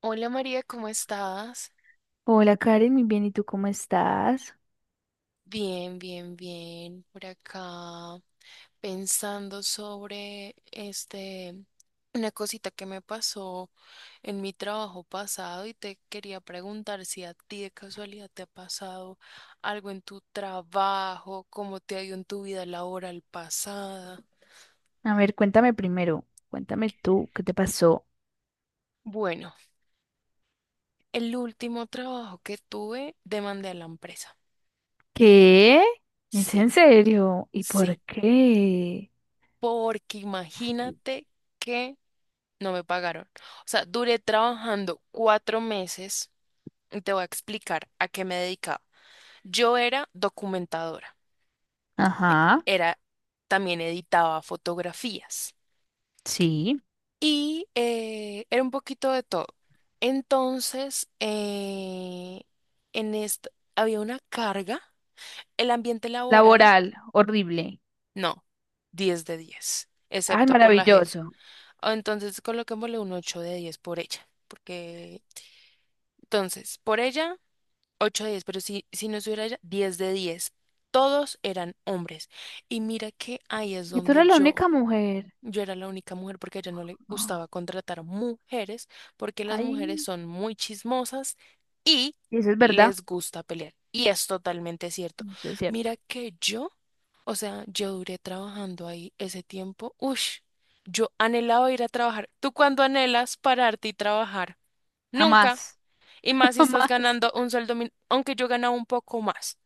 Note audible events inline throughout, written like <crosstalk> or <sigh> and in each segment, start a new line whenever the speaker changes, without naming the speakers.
Hola María, ¿cómo estás?
Hola Karen, muy bien, ¿y tú cómo estás?
Bien, bien, bien. Por acá pensando sobre una cosita que me pasó en mi trabajo pasado y te quería preguntar si a ti de casualidad te ha pasado algo en tu trabajo, cómo te ha ido en tu vida laboral pasada.
A ver, cuéntame primero, cuéntame tú, ¿qué te pasó?
Bueno, el último trabajo que tuve demandé a la empresa.
¿Qué? ¿Es en
Sí,
serio? ¿Y por
sí,
qué?
porque imagínate que no me pagaron. O sea, duré trabajando 4 meses y te voy a explicar a qué me dedicaba. Yo era documentadora,
Ajá,
era, también editaba fotografías
sí.
y era un poquito de todo. Entonces, en esto había una carga, el ambiente laboral,
Laboral, horrible.
no, 10 de 10
Ay,
excepto por la jefa.
maravilloso.
Ah, entonces, coloquémosle un 8 de 10 por ella, porque entonces, por ella. Ocho de 10, pero si no estuviera ella, 10 de 10. Todos eran hombres. Y mira que ahí es
Y tú
donde
eres la
yo,
única mujer.
yo era la única mujer porque a ella no le
Oh,
gustaba contratar mujeres porque las mujeres
ay,
son muy chismosas y
eso es verdad,
les gusta pelear. Y es totalmente cierto.
eso es cierto.
Mira que yo, o sea, yo duré trabajando ahí ese tiempo. Ush, yo anhelaba ir a trabajar. ¿Tú cuándo anhelas pararte y trabajar? Nunca.
Jamás,
Y más
<laughs>
si estás
jamás.
ganando un sueldo aunque yo ganaba un poco más,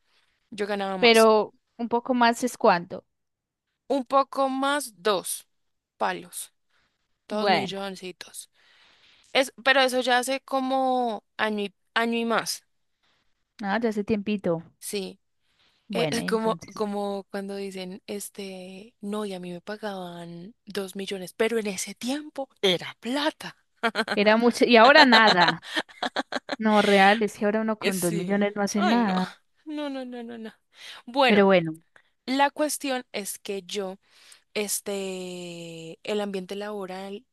yo ganaba más.
Pero un poco más es cuánto?
Un poco más, dos palos, dos
Bueno,
milloncitos. Es, pero eso ya hace como año y más,
ah, ya hace tiempito.
sí.
Bueno,
<laughs>
y
Como,
entonces.
como cuando dicen, no, y a mí me pagaban 2 millones, pero en ese tiempo era plata.
Era mucho, y ahora nada. No, real, es que ahora uno con dos
Sí.
millones no hace
Ay, no.
nada.
No, no, no, no, no. Bueno,
Pero bueno.
la cuestión es que yo, el ambiente laboral.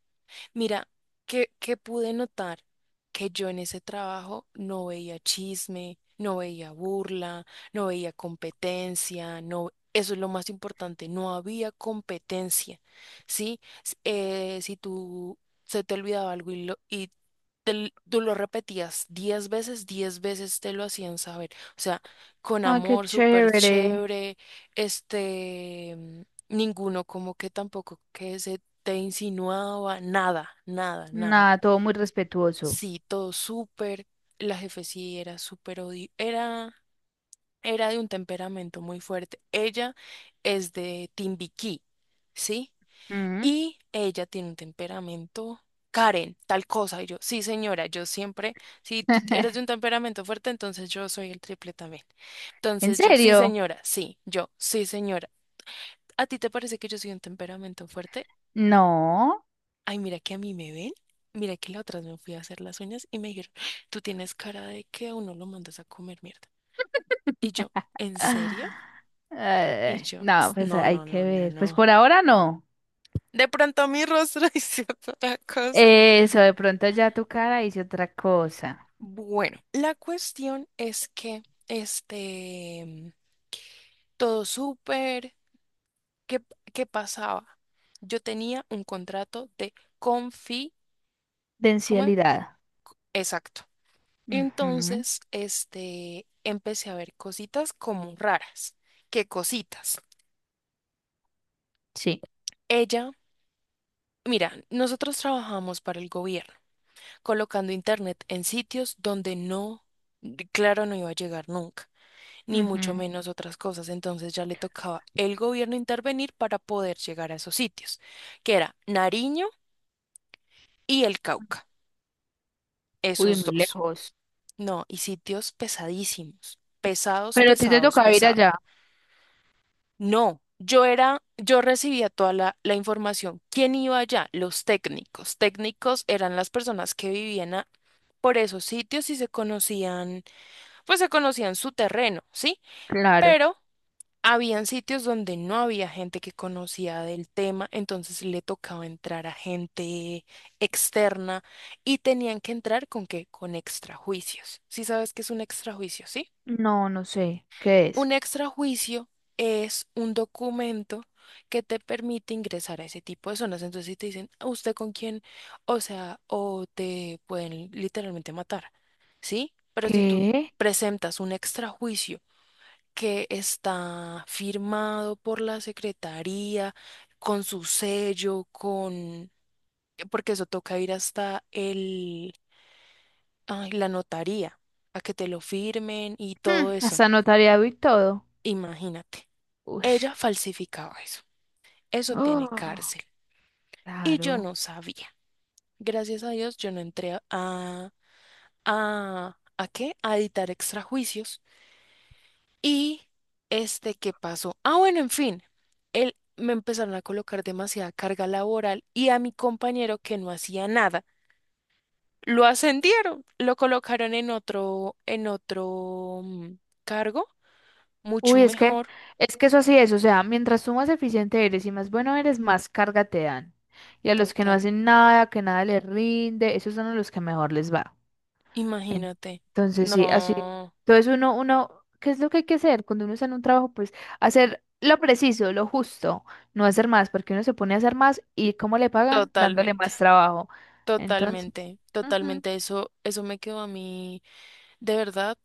Mira, que pude notar que yo en ese trabajo no veía chisme, no veía burla, no veía competencia, no, eso es lo más importante, no había competencia, ¿sí? Si tú se te olvidaba algo y tú lo repetías 10 veces, 10 veces te lo hacían saber, o sea, con
Ay, qué
amor, súper
chévere.
chévere, este... mm, ninguno como que tampoco que se te insinuaba, nada, nada, nada.
Nada, todo muy respetuoso.
Sí, todo súper, la jefe sí era súper odio, era de un temperamento muy fuerte. Ella es de Timbiquí, ¿sí?
Mm.
Y ella tiene un temperamento. Karen, tal cosa. Y yo, sí, señora, yo siempre, si tú eres de un
<laughs>
temperamento fuerte, entonces yo soy el triple también.
¿En
Entonces yo, sí,
serio?
señora, sí, yo, sí, señora. ¿A ti te parece que yo soy un temperamento fuerte?
No.
Ay, mira que a mí me ven. Mira que la otra vez me fui a hacer las uñas y me dijeron, tú tienes cara de que a uno lo mandas a comer mierda. Y yo,
<laughs>
¿en serio?
Ah,
Y yo,
No, pues
No,
hay
no,
que
no, no,
ver. Pues
no.
por ahora no.
De pronto mi rostro <laughs> hizo otra cosa".
Eso, de pronto ya tu cara dice otra cosa.
Bueno, la cuestión es que, todo súper, ¿qué, qué pasaba? Yo tenía un contrato de confi, ¿cómo es?
Densidad.
Exacto.
Ujú,
Entonces, empecé a ver cositas como raras. ¿Qué cositas?
Sí.
Ella, mira, nosotros trabajamos para el gobierno, colocando internet en sitios donde no, claro, no iba a llegar nunca, ni mucho
Ujú.
menos otras cosas. Entonces ya le tocaba el gobierno intervenir para poder llegar a esos sitios, que era Nariño y el Cauca,
Uy,
esos
muy
dos.
lejos.
No, y sitios pesadísimos, pesados,
Pero a ti te
pesados,
toca ir
pesados.
allá.
No, yo recibía toda la información. ¿Quién iba allá? Los técnicos. Técnicos eran las personas que vivían por esos sitios y se conocían, pues se conocían su terreno, ¿sí?
Claro.
Pero habían sitios donde no había gente que conocía del tema, entonces le tocaba entrar a gente externa y tenían que entrar con qué, con extrajuicios. Sí sabes qué es un extrajuicio, ¿sí?
No, no sé. ¿Qué
Un
es?
extrajuicio es un documento que te permite ingresar a ese tipo de zonas. Entonces, si te dicen, "¿A ¿usted con quién?". O sea, o te pueden literalmente matar, ¿sí? Pero si tú
¿Qué?
presentas un extrajuicio que está firmado por la secretaría, con su sello, con... porque eso toca ir hasta el... ay, la notaría, a que te lo firmen y todo
Hmm,
eso.
hasta notariado y todo.
Imagínate.
Uy.
Ella falsificaba eso. Eso tiene
Oh,
cárcel. Y yo
claro.
no sabía. Gracias a Dios, yo no entré a, ¿a qué? A editar extrajuicios. Y ¿qué pasó? Ah, bueno, en fin. Me empezaron a colocar demasiada carga laboral y a mi compañero que no hacía nada, lo ascendieron, lo colocaron en otro cargo, mucho
Uy, es que,
mejor.
es que eso así es. O sea, mientras tú más eficiente eres y más bueno eres, más carga te dan. Y a los que no
Total,
hacen nada, que nada les rinde, esos son a los que mejor les va. En-
imagínate.
Entonces, sí, así.
No,
Entonces, uno, ¿qué es lo que hay que hacer cuando uno está en un trabajo? Pues hacer lo preciso, lo justo, no hacer más, porque uno se pone a hacer más y ¿cómo le pagan? Dándole
totalmente.
más trabajo. Entonces,
Totalmente,
ujú,
totalmente. Eso me quedó a mí de verdad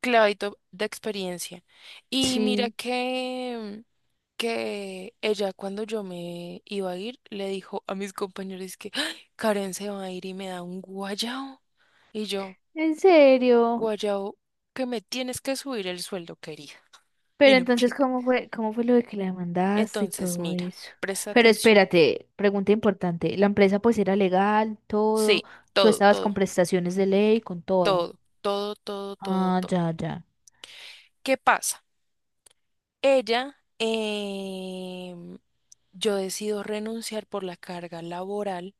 clavito de experiencia. Y mira
sí.
que ella cuando yo me iba a ir le dijo a mis compañeros que "Ay, Karen se va a ir y me da un guayao". Y yo,
En serio.
guayao, que me tienes que subir el sueldo, querida. <laughs> Y
Pero
no
entonces,
quiero.
¿cómo fue lo de que la demandaste y
Entonces,
todo
mira,
eso?
presta
Pero
atención.
espérate, pregunta importante. ¿La empresa pues era legal, todo?
Sí,
¿Tú
todo,
estabas con
todo,
prestaciones de ley, con todo?
todo, todo, todo, todo,
Ah,
todo.
ya, ya.
¿Qué pasa? Ella, em, yo decido renunciar por la carga laboral,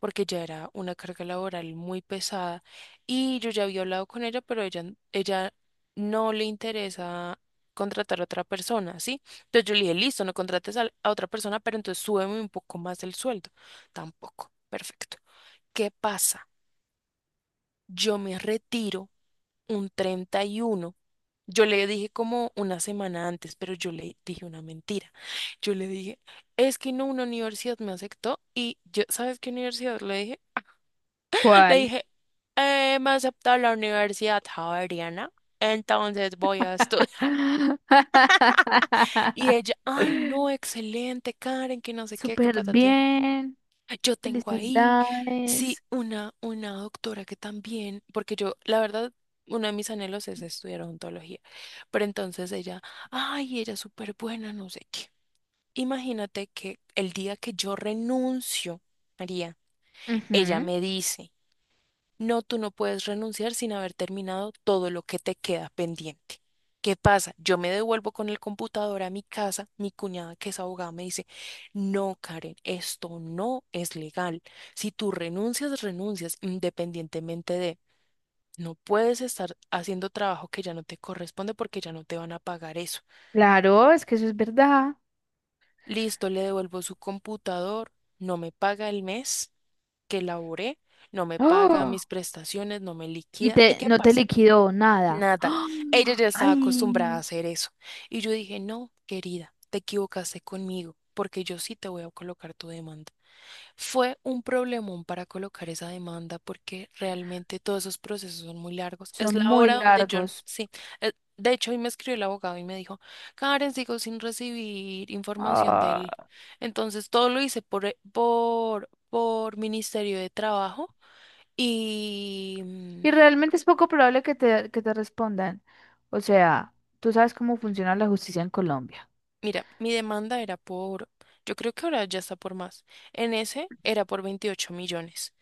porque ya era una carga laboral muy pesada y yo ya había hablado con ella, pero ella no le interesa contratar a otra persona, ¿sí? Entonces yo le dije, listo, no contrates otra persona, pero entonces súbeme un poco más el sueldo. Tampoco, perfecto. ¿Qué pasa? Yo me retiro un 31. Yo le dije como una semana antes, pero yo le dije una mentira. Yo le dije, es que no, una universidad me aceptó y yo, ¿sabes qué universidad le dije? <laughs> Le
¿Cuál?
dije, me aceptó la Universidad Javeriana, entonces voy a estudiar". <laughs> Y ella,
<laughs>
ay, no, excelente, Karen, que no sé qué, qué
Súper
ti
bien.
yo tengo ahí, sí,
Felicidades.
una doctora que también, porque yo, la verdad, uno de mis anhelos es estudiar odontología, pero entonces ella, ay, ella es súper buena, no sé qué. Imagínate que el día que yo renuncio, María, ella
Ujú.
me dice, no, tú no puedes renunciar sin haber terminado todo lo que te queda pendiente. ¿Qué pasa? Yo me devuelvo con el computador a mi casa, mi cuñada que es abogada me dice, no, Karen, esto no es legal. Si tú renuncias, renuncias independientemente de... No puedes estar haciendo trabajo que ya no te corresponde porque ya no te van a pagar eso.
Claro, es que eso es verdad.
Listo, le devuelvo su computador, no me paga el mes que laboré, no me
<gasps>
paga
¡Oh!
mis prestaciones, no me
Y
liquida. ¿Y qué
no te
pasa?
liquidó nada. <gasps>
Nada. Ella
¡Ah!
ya estaba acostumbrada a
Ay.
hacer eso. Y yo dije, no, querida, te equivocaste conmigo, porque yo sí te voy a colocar tu demanda. Fue un problemón para colocar esa demanda, porque realmente todos esos procesos son muy largos. Es
Son
la
muy
hora donde yo,
largos.
sí, de hecho hoy me escribió el abogado y me dijo, Karen, sigo sin recibir información de
Ah,
él. Entonces todo lo hice por Ministerio de Trabajo. Y, mm,
y realmente es poco probable que te respondan. O sea, tú sabes cómo funciona la justicia en Colombia.
Mira, mi demanda era por, yo creo que ahora ya está por más. En ese era por 28 millones.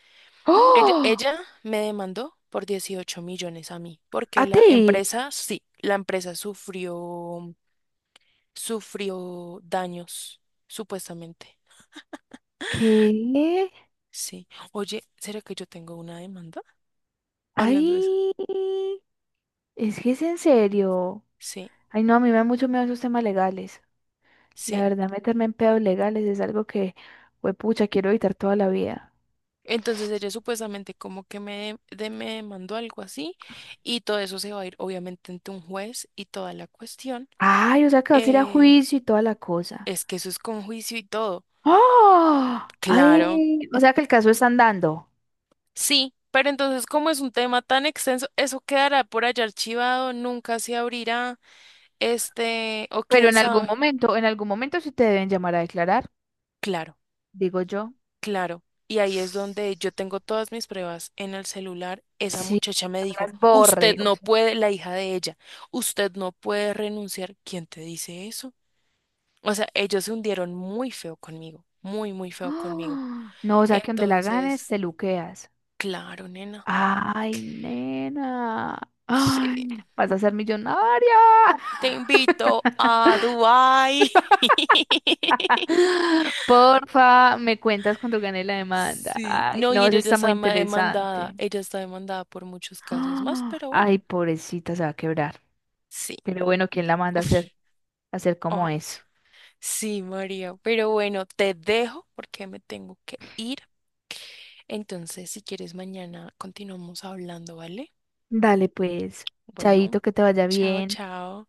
Ella,
¡Oh!
ella me demandó por 18 millones a mí, porque
¿A
la
ti?
empresa, sí, la empresa sufrió, daños, supuestamente.
¿Qué?
Sí. Oye, ¿será que yo tengo una demanda? <laughs> Hablando de eso.
Ay, es que es en serio.
Sí,
Ay, no, a mí me da mucho miedo esos temas legales. La
sí.
verdad, meterme en pedos legales es algo que, pues, pucha, quiero evitar toda la vida.
Entonces ella supuestamente como que me demandó algo así y todo eso se va a ir obviamente ante un juez y toda la cuestión.
Ay, o sea que vas a ir a
eh,
juicio y toda la cosa.
Es que eso es con juicio y todo.
¡Oh!
Claro,
Ay, o sea que el caso está andando.
sí, pero entonces como es un tema tan extenso, eso quedará por allá archivado, nunca se abrirá, o
Pero
quién sabe.
en algún momento sí te deben llamar a declarar,
Claro,
digo yo.
claro. Y ahí es donde yo tengo todas mis pruebas en el celular. Esa
Sí.
muchacha me
No
dijo,
las
usted
borre. O
no
sea,
puede, la hija de ella, usted no puede renunciar. ¿Quién te dice eso? O sea, ellos se hundieron muy feo conmigo, muy, muy feo conmigo.
¡ah! No, o sea que donde la ganes,
Entonces,
te luqueas.
claro, nena.
Ay, nena.
Sí.
Ay, vas a ser millonaria.
Te invito a Dubái.
<gasps>
<laughs>
<laughs> Porfa, me cuentas cuando gane la demanda.
Sí,
Ay,
no, y
no, eso
ella
está muy
está demandada,
interesante.
ella está demandada por muchos casos más,
¡Ah!
pero bueno,
Ay, pobrecita, se va a quebrar.
sí,
Pero bueno, ¿quién la manda
<laughs> uf,
a hacer como
oja-
eso?
sí, María, pero bueno, te dejo porque me tengo que ir. Entonces, si quieres, mañana continuamos hablando, ¿vale?
Dale, pues.
Bueno,
Chaito, que te vaya
chao,
bien.
chao.